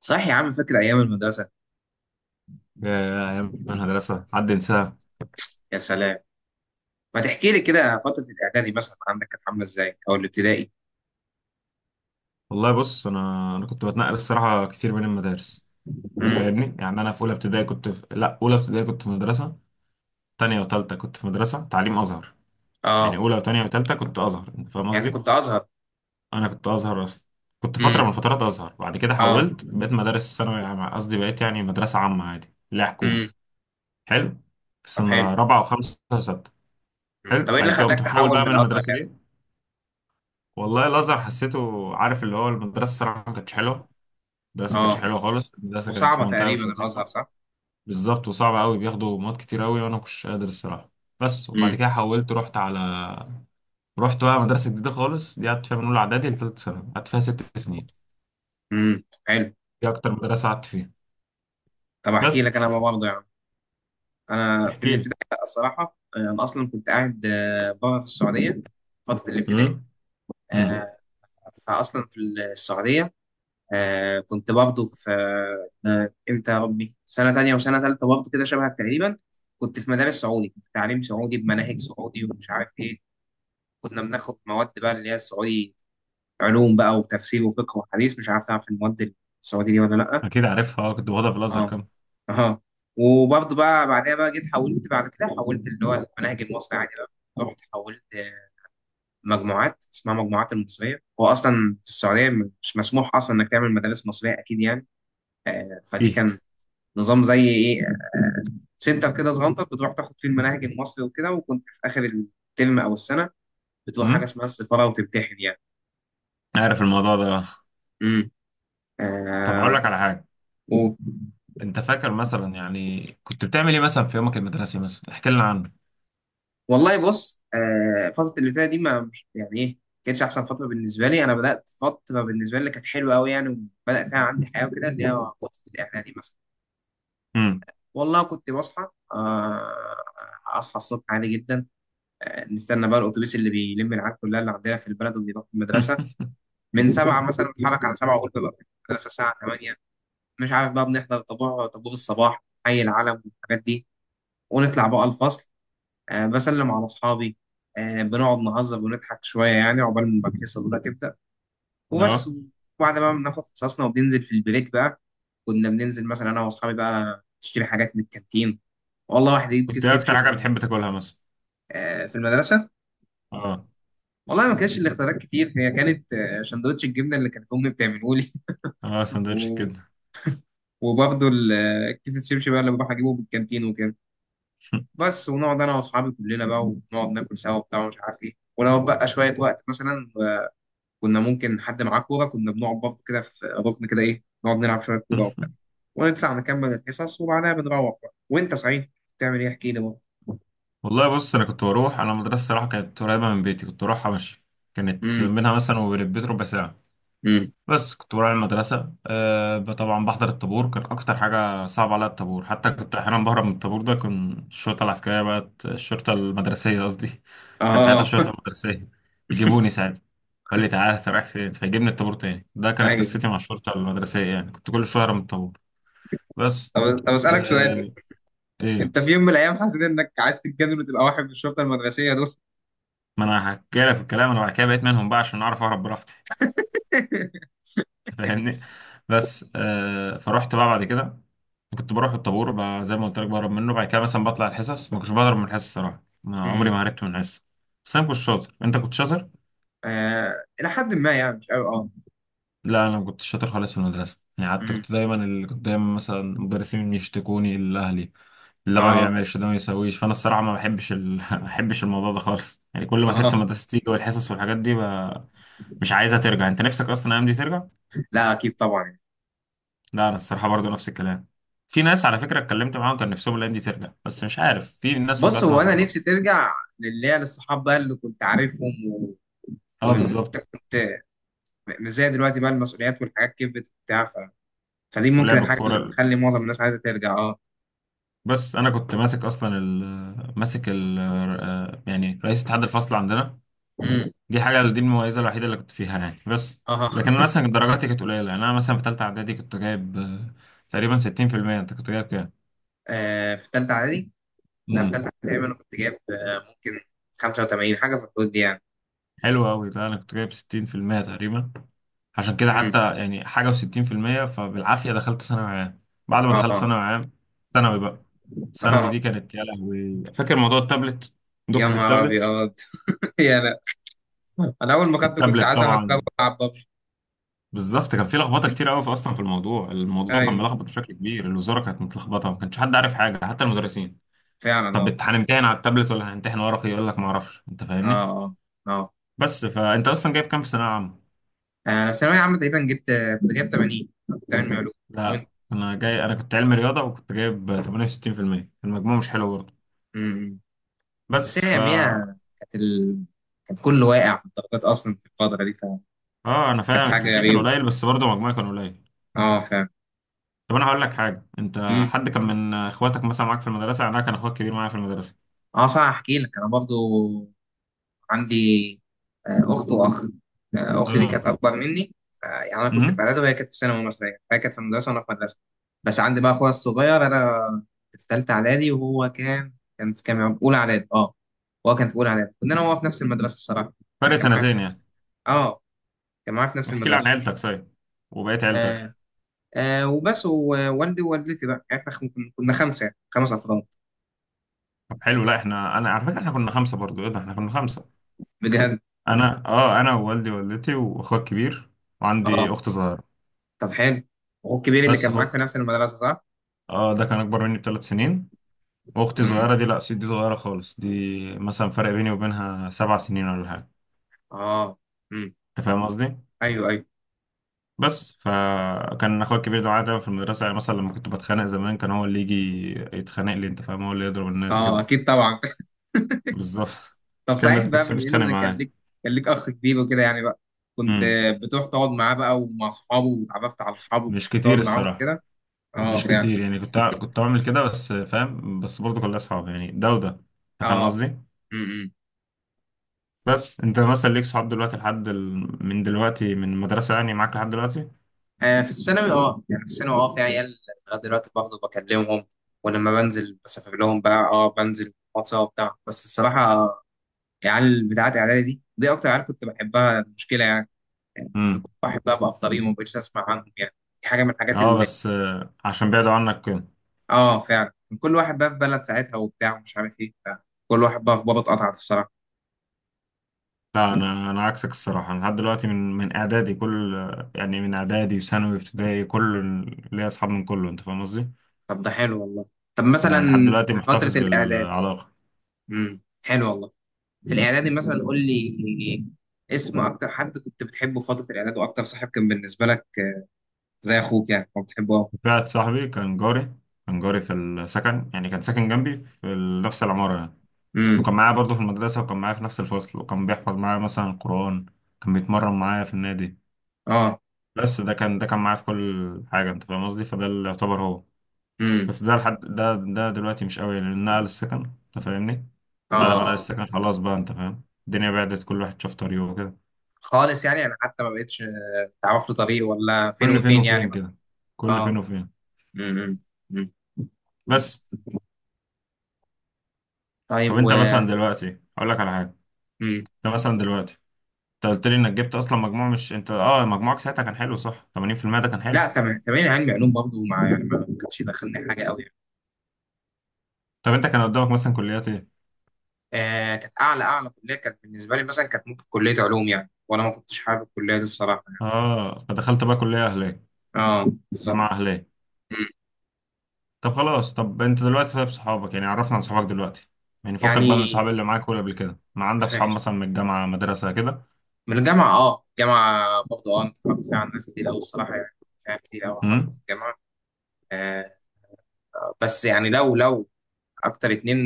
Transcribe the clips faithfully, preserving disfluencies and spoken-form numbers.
صح يا عم، فاكر ايام المدرسه؟ يا أيام المدرسة حد ينساها. يا سلام. ما تحكي لي كده فتره الاعدادي مثلا عندك كانت عامله ازاي او الابتدائي؟ والله بص، أنا أنا كنت بتنقل الصراحة كتير بين المدارس. أنت امم فاهمني، يعني أنا في أولى ابتدائي كنت في... لا أولى ابتدائي كنت في مدرسة، تانية وتالتة كنت في مدرسة تعليم أزهر. يعني اه، أولى وتانية وتالتة كنت أزهر، أنت فاهم يعني انت قصدي؟ كنت ازهر؟ أنا كنت أزهر أصلا. كنت امم فترة من الفترات أزهر، بعد كده اه حولت، بقيت مدارس ثانوي عام- قصدي بقيت يعني مدرسة عامة عادي اللي هي حكومة. امم حلو، في طب حلو. سنة رابعة وخمسة وستة. مم. حلو، طب ايه بعد اللي كده قمت خلاك محول تحول بقى من من الازهر المدرسة يعني؟ دي. والله الأزهر حسيته، عارف اللي هو المدرسة، الصراحة ما كانتش حلوة. المدرسة ما كانتش اه، حلوة خالص، المدرسة كانت في وصعبه منطقة تقريبا مش الازهر لطيفة. صح؟ بالظبط، وصعبة أوي، بياخدوا مواد كتير أوي وأنا مكنتش قادر الصراحة. بس، وبعد امم كده حولت رحت على رحت بقى مدرسة جديدة خالص، دي قعدت فيها من أولى إعدادي لتالتة ثانوي، قعدت فيها ست سنين. امم حلو. دي أكتر مدرسة قعدت فيها، طب احكي بس. لك انا بقى برضه يعني، انا في احكي لي. الابتدائي لأ، الصراحه آه، انا اصلا كنت قاعد آه، بره في السعوديه، فتره الابتدائي. امم. امم. آه، فاصلا في السعوديه، آه كنت برضه في آه امتى يا ربي، سنة تانية وسنة تالتة برضه كده شبهك تقريبا. كنت في مدارس سعودي، كنت تعليم سعودي بمناهج سعودي ومش عارف ايه. كنا بناخد مواد بقى اللي هي السعودي، علوم بقى وتفسير وفقه وحديث. مش عارف تعرف المواد السعودي دي ولا لأ. أكيد عارفها، أه كنت واخدها في الأزهر اه كام. اه، وبرضه بقى بعدها بقى جيت حولت، بعد كده حولت اللي هو المناهج المصري عادي بقى، رحت حولت آه، مجموعات اسمها مجموعات المصرية. هو أصلا في السعودية مش مسموح أصلا إنك تعمل مدارس مصرية أكيد يعني. آه، فدي جيت. كان نظام زي ايه، سنتر كده صغنطر بتروح تاخد فيه المناهج المصري وكده، وكنت في اخر الترم او السنه بتروح حاجه امم. اسمها السفاره وتمتحن يعني. عارف الموضوع ده أه. امم طب آه هقول لك على حاجة، و... أنت فاكر مثلا يعني كنت بتعمل إيه مثلا في يومك المدرسي؟ مثلا احكي لنا عنه. والله بص، آه فتره الابتدائي دي ما مش يعني ايه كانتش احسن فتره بالنسبه لي. انا بدات فتره بالنسبه لي اللي كانت حلوه قوي يعني وبدا فيها عندي حياه وكده، اللي هي فتره الاعدادي مثلا. امم. والله كنت بصحى، آه اصحى الصبح عادي جدا. آه نستنى بقى الاتوبيس اللي بيلم العيال كلها اللي عندنا في البلد وبيروح المدرسه، من سبعة مثلا بتحرك على سبعة وقلت ببقى في المدرسة الساعة تمانية. مش عارف بقى، بنحضر طابور، طابور الصباح، حي العلم والحاجات دي، ونطلع بقى الفصل، أه بسلم على أصحابي، أه بنقعد نهزر ونضحك شوية يعني عقبال ما الحصة الأولى تبدأ، وبس. أه. وبعد ما بناخد حصصنا وبننزل في البريك بقى، كنا بننزل مثلا أنا وأصحابي بقى نشتري حاجات من الكانتين، والله واحد يجيب كنت كيس إيه أكتر حاجة شبشب. بتحب تاكلها مثلا؟ آه، في المدرسة، اه. والله ما كانش الاختيارات كتير. هي كانت آه، سندوتش الجبنة اللي كانت أمي بتعمله لي. اه سندوتش الكبدة. وبرضه ال- الكيس الشبشب بقى اللي بروح اجيبه من الكانتين وكده. بس ونقعد انا واصحابي كلنا بقى ونقعد ناكل سوا وبتاع ومش عارف ايه، ولو بقى شويه وقت مثلا آه، كنا ممكن حد معاه كوره كنا بنقعد برضه كده في ركن كده ايه نقعد نلعب شويه كوره وبتاع، ونطلع نكمل الحصص وبعدها بنروح بقى. وانت صحيح بتعمل ايه؟ احكي لي بقى. والله بص، انا كنت بروح انا مدرسة صراحة كانت قريبة من بيتي، كنت بروحها ماشي. كانت امم منها مثلا وبين البيت ربع ساعة. امم بس كنت بروح المدرسة آه ب- طبعا بحضر الطابور، كان أكتر حاجة صعبة عليا الطابور، حتى كنت أحيانا بهرب من الطابور ده، كان الشرطة العسكرية بقت الشرطة المدرسية قصدي. كان ساعتها اه الشرطة المدرسية يجيبوني ساعتها، قال لي تعالى أنت رايح فين، فيجيبني الطابور تاني، ده كانت ايوه. قصتي مع الشرطة المدرسية، يعني كنت كل شوية أهرب من الطابور، بس. طب، طب اسالك سؤال آه بس، إيه؟ انت في يوم من الايام حسيت انك عايز تتجنن وتبقى واحد من الشرطه المدرسيه دول؟ ما انا هحكي لك في الكلام، انا بعد كده بقيت منهم بقى عشان اعرف اهرب براحتي. انت فاهمني. بس آه فرحت بقى بعد كده، كنت بروح الطابور بقى زي ما قلت لك بهرب منه، بعد كده مثلا بطلع الحصص، ما كنتش بهرب من الحصص صراحه، ما عمري امم ما هربت من الحصص بس. انا كنت شاطر، انت كنت شاطر. آه، الى حد ما يعني، مش قوي اه. لا انا ما كنتش شاطر خالص في المدرسه يعني، حتى امم كنت دايما اللي كنت دايما مثلا المدرسين يشتكوني الاهلي، اللي ما اه بيعملش ده ما يسويش، فانا الصراحه ما بحبش ال... ما بحبش الموضوع ده خالص، يعني كل ما سيره اه، المدرسه تيجي والحصص والحاجات دي ب... مش عايزها ترجع، انت نفسك اصلا الايام دي ترجع؟ لا اكيد طبعا. لا انا الصراحه برضو نفس الكلام، في ناس على فكره اتكلمت معاهم كان نفسهم الايام دي ترجع، بس مش عارف، في ناس بص، وجهات هو انا نظر بقى. نفسي ترجع للي هي للصحاب بقى اللي كنت عارفهم و... اه وانت بالظبط. م- مش زي دلوقتي بقى، المسؤوليات والحاجات كبرت وبتاع، ف... فدي ممكن ولعب الحاجه الكوره اللي ال- بتخلي معظم الناس عايزه ترجع اه. بس انا كنت ماسك اصلا ال ماسك ال آه، يعني رئيس اتحاد الفصل عندنا، امم دي حاجه دي المميزه الوحيده اللي كنت فيها يعني، بس. اه لكن أنا مثلا درجاتي كانت قليله، يعني انا مثلا في ثالثه اعدادي كنت جايب آه، تقريبا ستين في المية، انت كنت جايب كام؟ آه، في ثالثه اعدادي؟ لا، في ثالثه امم. اعدادي تقريبا انا كنت جايب آه، ممكن خمسة وتمانين حاجه، في الحدود دي يعني. حلو قوي ده، انا كنت جايب ستين في المية تقريبا، عشان كده امم حتى يعني حاجة وستين في المية فبالعافية دخلت ثانوي عام. بعد ما دخلت اه ثانوي عام، ثانوي بقى ثانوي اه، دي كانت يا لهوي، فاكر موضوع التابلت؟ يا دفعة نهار التابلت. ابيض يا لا، انا اول ما خدته كنت التابلت عايز اهكره طبعا. العب ببجي. بالظبط، كان في لخبطة كتير قوي في أصلا في الموضوع، الموضوع كان ايوه ملخبط بشكل كبير، الوزارة كانت متلخبطة، ما كانش حد عارف حاجة حتى المدرسين. فعلا طب اه. بت- هنمتحن على التابلت ولا هنمتحن ورقي؟ يقول لك ما اعرفش، انت فاهمني. اه اه، بس فانت اصلا جايب كام في ثانوية عامة؟ انا في ثانويه عامه تقريبا جبت، كنت جايب تمانين، تمانين علوم. وانت؟ لا انا جاي انا كنت علمي رياضة وكنت جايب تمانية وستين في المية، المجموع مش حلو برضه، أمم. بس بس ف هي هي كانت ال... كان كله واقع في الضغطات اصلا في الفتره دي، فكانت اه. انا فاهم، حاجه التنسيق كان غريبه. قليل بس برضه مجموعي كان قليل. اه فاهم. طب انا هقول لك حاجه، انت أمم. حد كان من اخواتك مثلا معاك في المدرسه؟ يعني انا كان اخوك كبير معايا في المدرسه. اه صح، احكي لك انا برضو عندي آه، اخت واخ. آه، اختي دي اه. كانت اكبر مني، ف- يعني انا كنت في امم. اعدادي وهي كانت في ثانوي مثلا يعني. فهي كانت في مدرسه وانا في مدرسه. بس عندي بقى اخويا الصغير، انا كنت في ثالثه اعدادي وهو كان كان في كام يا رب؟ اولى اعدادي اه. وهو كان في اولى اعدادي، كنا انا وهو في نفس المدرسه الصراحه فرق يعني، كان معايا في سنتين يعني. نفس، اه كان معايا في نفس احكي لي عن المدرسه. عيلتك طيب، وبقيت عيلتك. آه. آه وبس، ووالدي ووالدتي بقى، يعني احنا كن- كنا خمسه يعني، خمس افراد. طب حلو، لا احنا انا على فكره احنا كنا خمسه برضو، ايه ده احنا كنا خمسه. بجد انا اه، انا ووالدي ووالدتي واخوك كبير، وعندي اه؟ اخت صغيره، طب حلو. اخوك الكبير اللي بس كان معاك في اخوك نفس المدرسه صح؟ اه ده كان اكبر مني بثلاث سنين، واختي امم صغيره دي، لا دي صغيره خالص دي، مثلا فرق بيني وبينها سبع سنين ولا حاجه، اه امم انت فاهم قصدي. ايوه ايوه، بس فكان اخويا الكبير ده معايا دايما في المدرسه، يعني مثلا لما كنت بتخانق زمان كان هو اللي يجي يتخانق لي، انت فاهم، هو اللي يضرب الناس اه كده. اكيد طبعا بالظبط، طب مش كان صحيح الناس كانت بقى، بتحب بما تتخانق ان كان معايا. ليك، كان ليك اخ كبير وكده يعني بقى، كنت امم. بتروح تقعد معاه بقى ومع اصحابه، واتعرفت على اصحابه وكنت مش بتقعد كتير معاهم الصراحه، كده؟ اه مش فعلا. كتير يعني، كنت ع- كنت بعمل كده، بس فاهم، بس برضه كلها اصحاب يعني ده وده، انت فاهم اه قصدي. امم بس انت مثلا ليك صحاب دلوقتي لحد ال... من دلوقتي من المدرسه يعني معاك لحد دلوقتي؟ آه، في الثانوي اه، يعني في الثانوي اه في عيال لغايه دلوقتي باخده بكلمهم، ولما بنزل بسافر لهم بقى، اه بنزل واتساب وبتاع. بس الصراحه آه، العيال بتاعت اعدادي دي، دي اكتر عيال كنت بحبها، المشكله يعني، يعني كنت امم. بحبها بقى في طريقي وما بقتش اسمع عنهم يعني. دي حاجه من الحاجات اه اللي، بس آه، عشان بعدوا عنك كده. اه فعلا، كان كل واحد بقى في بلد ساعتها وبتاع ومش عارف ايه بتاع. كل واحد بقى في بابا، اتقطعت الصراحه. لا انا، انا عكسك الصراحه انا لحد دلوقتي من من اعدادي كل، يعني من اعدادي وثانوي وابتدائي كل، ليا اصحاب من كله، انت فاهم قصدي. طب ده حلو والله. طب مثلا لا لحد دلوقتي في محتفظ فتره الاعداد، بالعلاقه. امم حلو والله. في الاعدادي مثلا قول لي اسم اكتر حد كنت بتحبه في فتره الاعداد واكتر صاحب كان بالنسبه لك زي اخوك يعني كنت بتحبه اه. واحد صاحبي كان جاري، كان جاري في السكن، يعني كان ساكن جنبي في ال- نفس العماره يعني، امم وكان معايا برضه في المدرسه، وكان معايا في نفس الفصل، وكان بيحفظ معايا مثلا القران، كان بيتمرن معايا في النادي، اه بس. ده كان ده كان معايا في كل حاجه، انت فاهم قصدي، فده اللي يعتبر هو. امم بس ده لحد ده ده دلوقتي مش قوي لان نقل السكن، انت فاهمني. اه بعد ما نقل آه. السكن خلاص بقى، انت فاهم، الدنيا بعدت كل واحد شاف طريقه وكده. خالص يعني، انا حتى ما بقتش تعرف له طريق، ولا فين كل فين وفين يعني وفين مثلا. كده، كل فين اه وفين، امم أمم. بس. طب طيب. و انت مثلا دلوقتي، اقول لك على حاجه، امم انت مثلا دلوقتي، انت قلت لي انك جبت اصلا مجموع، مش انت اه مجموعك ساعتها كان حلو صح؟ تمانين في المية ده كان لا حلو. تمام تمام، علمي علوم برضه، مع يعني ما ما كانش دخلني حاجه قوي يعني. طب انت كان قدامك مثلا كليات ايه؟ آه كانت اعلى، اعلى كليه كانت بالنسبه لي مثلا كانت ممكن كليه علوم يعني، وانا ما كنتش حابب الكليه دي الصراحه. اه فدخلت بقى كليه اهليه، اه بالظبط. جامعه اهليه. أمم. طب خلاص، طب انت دلوقتي، طيب صحابك يعني عرفنا عن صحابك دلوقتي، يعني فكك بقى من يعني صحاب اللي معاك، ولا قبل كده ما عندك صحاب مثلا من الجامعة، مدرسة كده؟ من الجامعة اه، الجامعة برضه اه، أنا اتعرفت فيها على ناس كتير أوي الصراحة يعني، فيها كتير أوي اتعرفت في امم. الجامعة. آه بس يعني، لو لو أكتر اتنين،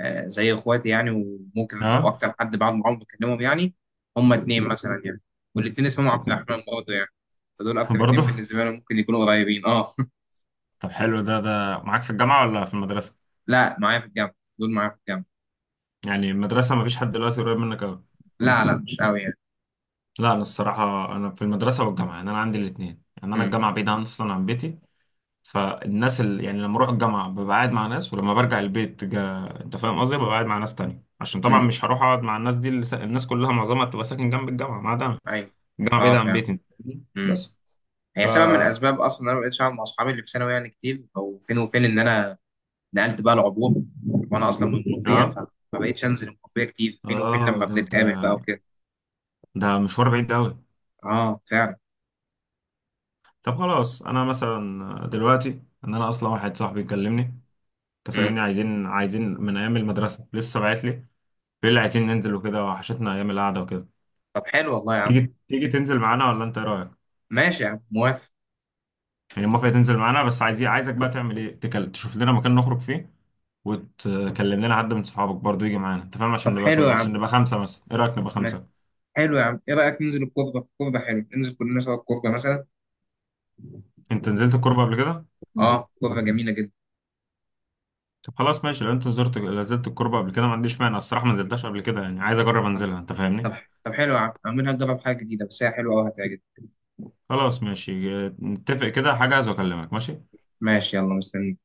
آه زي إخواتي يعني، وممكن اه. وأكتر حد بعد ما عمري بكلمهم يعني، هما اتنين مثلا يعني، والاتنين اسمهم عبد اتنين. الرحمن برضه يعني. فدول أكتر برضه. اتنين بالنسبة لي ممكن يكونوا قريبين اه طب حلو، ده ده معاك في الجامعة ولا في المدرسة؟ لا معايا في الجامعة، دول معايا في الجامعة. يعني المدرسة ما فيش حد دلوقتي قريب منك قوي. لا لا مش أوي يعني. لا انا الصراحة انا في المدرسة والجامعة، يعني انا عندي الاتنين، يعني انا امم الجامعة بعيدة عن- اصلا عن بيتي، فالناس اللي يعني لما اروح الجامعة ببقى قاعد مع ناس، ولما برجع البيت جا... انت فاهم قصدي، ببقى قاعد مع ناس تانية، عشان طبعا امم مش هروح اقعد مع الناس دي اللي س... الناس كلها معظمها بتبقى ساكن جنب الجامعة، ما دام أيوه، جامعة اه بعيدة عن فعلا. بيتي، امم بس ف هي سبب من اه. الأسباب أصلا إن أنا ما بقتش أقعد مع أصحابي اللي في ثانوي يعني كتير، أو فين وفين، إن أنا نقلت بقى العبور وانا اصلا من المنوفيه، فما بقتش انزل المنوفيه كتير، فين وفين اه لما ده انت، بنتقابل بقى وكده. ده مشوار بعيد قوي. اه فعلا. طب خلاص انا مثلا دلوقتي، ان انا اصلا واحد صاحبي كلمني، انت مم. فاهمني، عايزين عايزين من ايام المدرسه لسه باعت لي، بيقول لي عايزين ننزل وكده، وحشتنا ايام القعده وكده. طب حلو والله يا عم. تيجي تيجي تنزل معانا ولا انت إيه رايك؟ ماشي يا عم، موافق. يعني موافق تنزل معانا، بس عايز، عايزك بقى تعمل ايه، تكل... تشوف لنا مكان نخرج فيه، وتكلم لنا حد من صحابك برضو يجي معانا، انت فاهم، طب عشان حلو يا نبقى عم، عشان نبقى خمسه، مثلا ايه رايك نبقى ماشي. خمسه؟ حلو يا عم، ايه رايك ننزل الكوربه؟ الكوربه حلو، ننزل كلنا سوا الكوربه مثلا. انت نزلت الكوربه قبل كده؟ اه كوربه جميله جدا. طب خلاص ماشي، لو انت زرت نزلت الكوربة قبل كده، ما عنديش مانع، الصراحة ما نزلتهاش قبل كده، يعني عايز اجرب انزلها، انت طب، فاهمني. طب حلو يا عم، عاملها نجرب حاجه جديده بس هي حلوه قوي هتعجبك. خلاص ماشي اه، نتفق كده، هحجز واكلمك ماشي. ماشي، يلا مستني.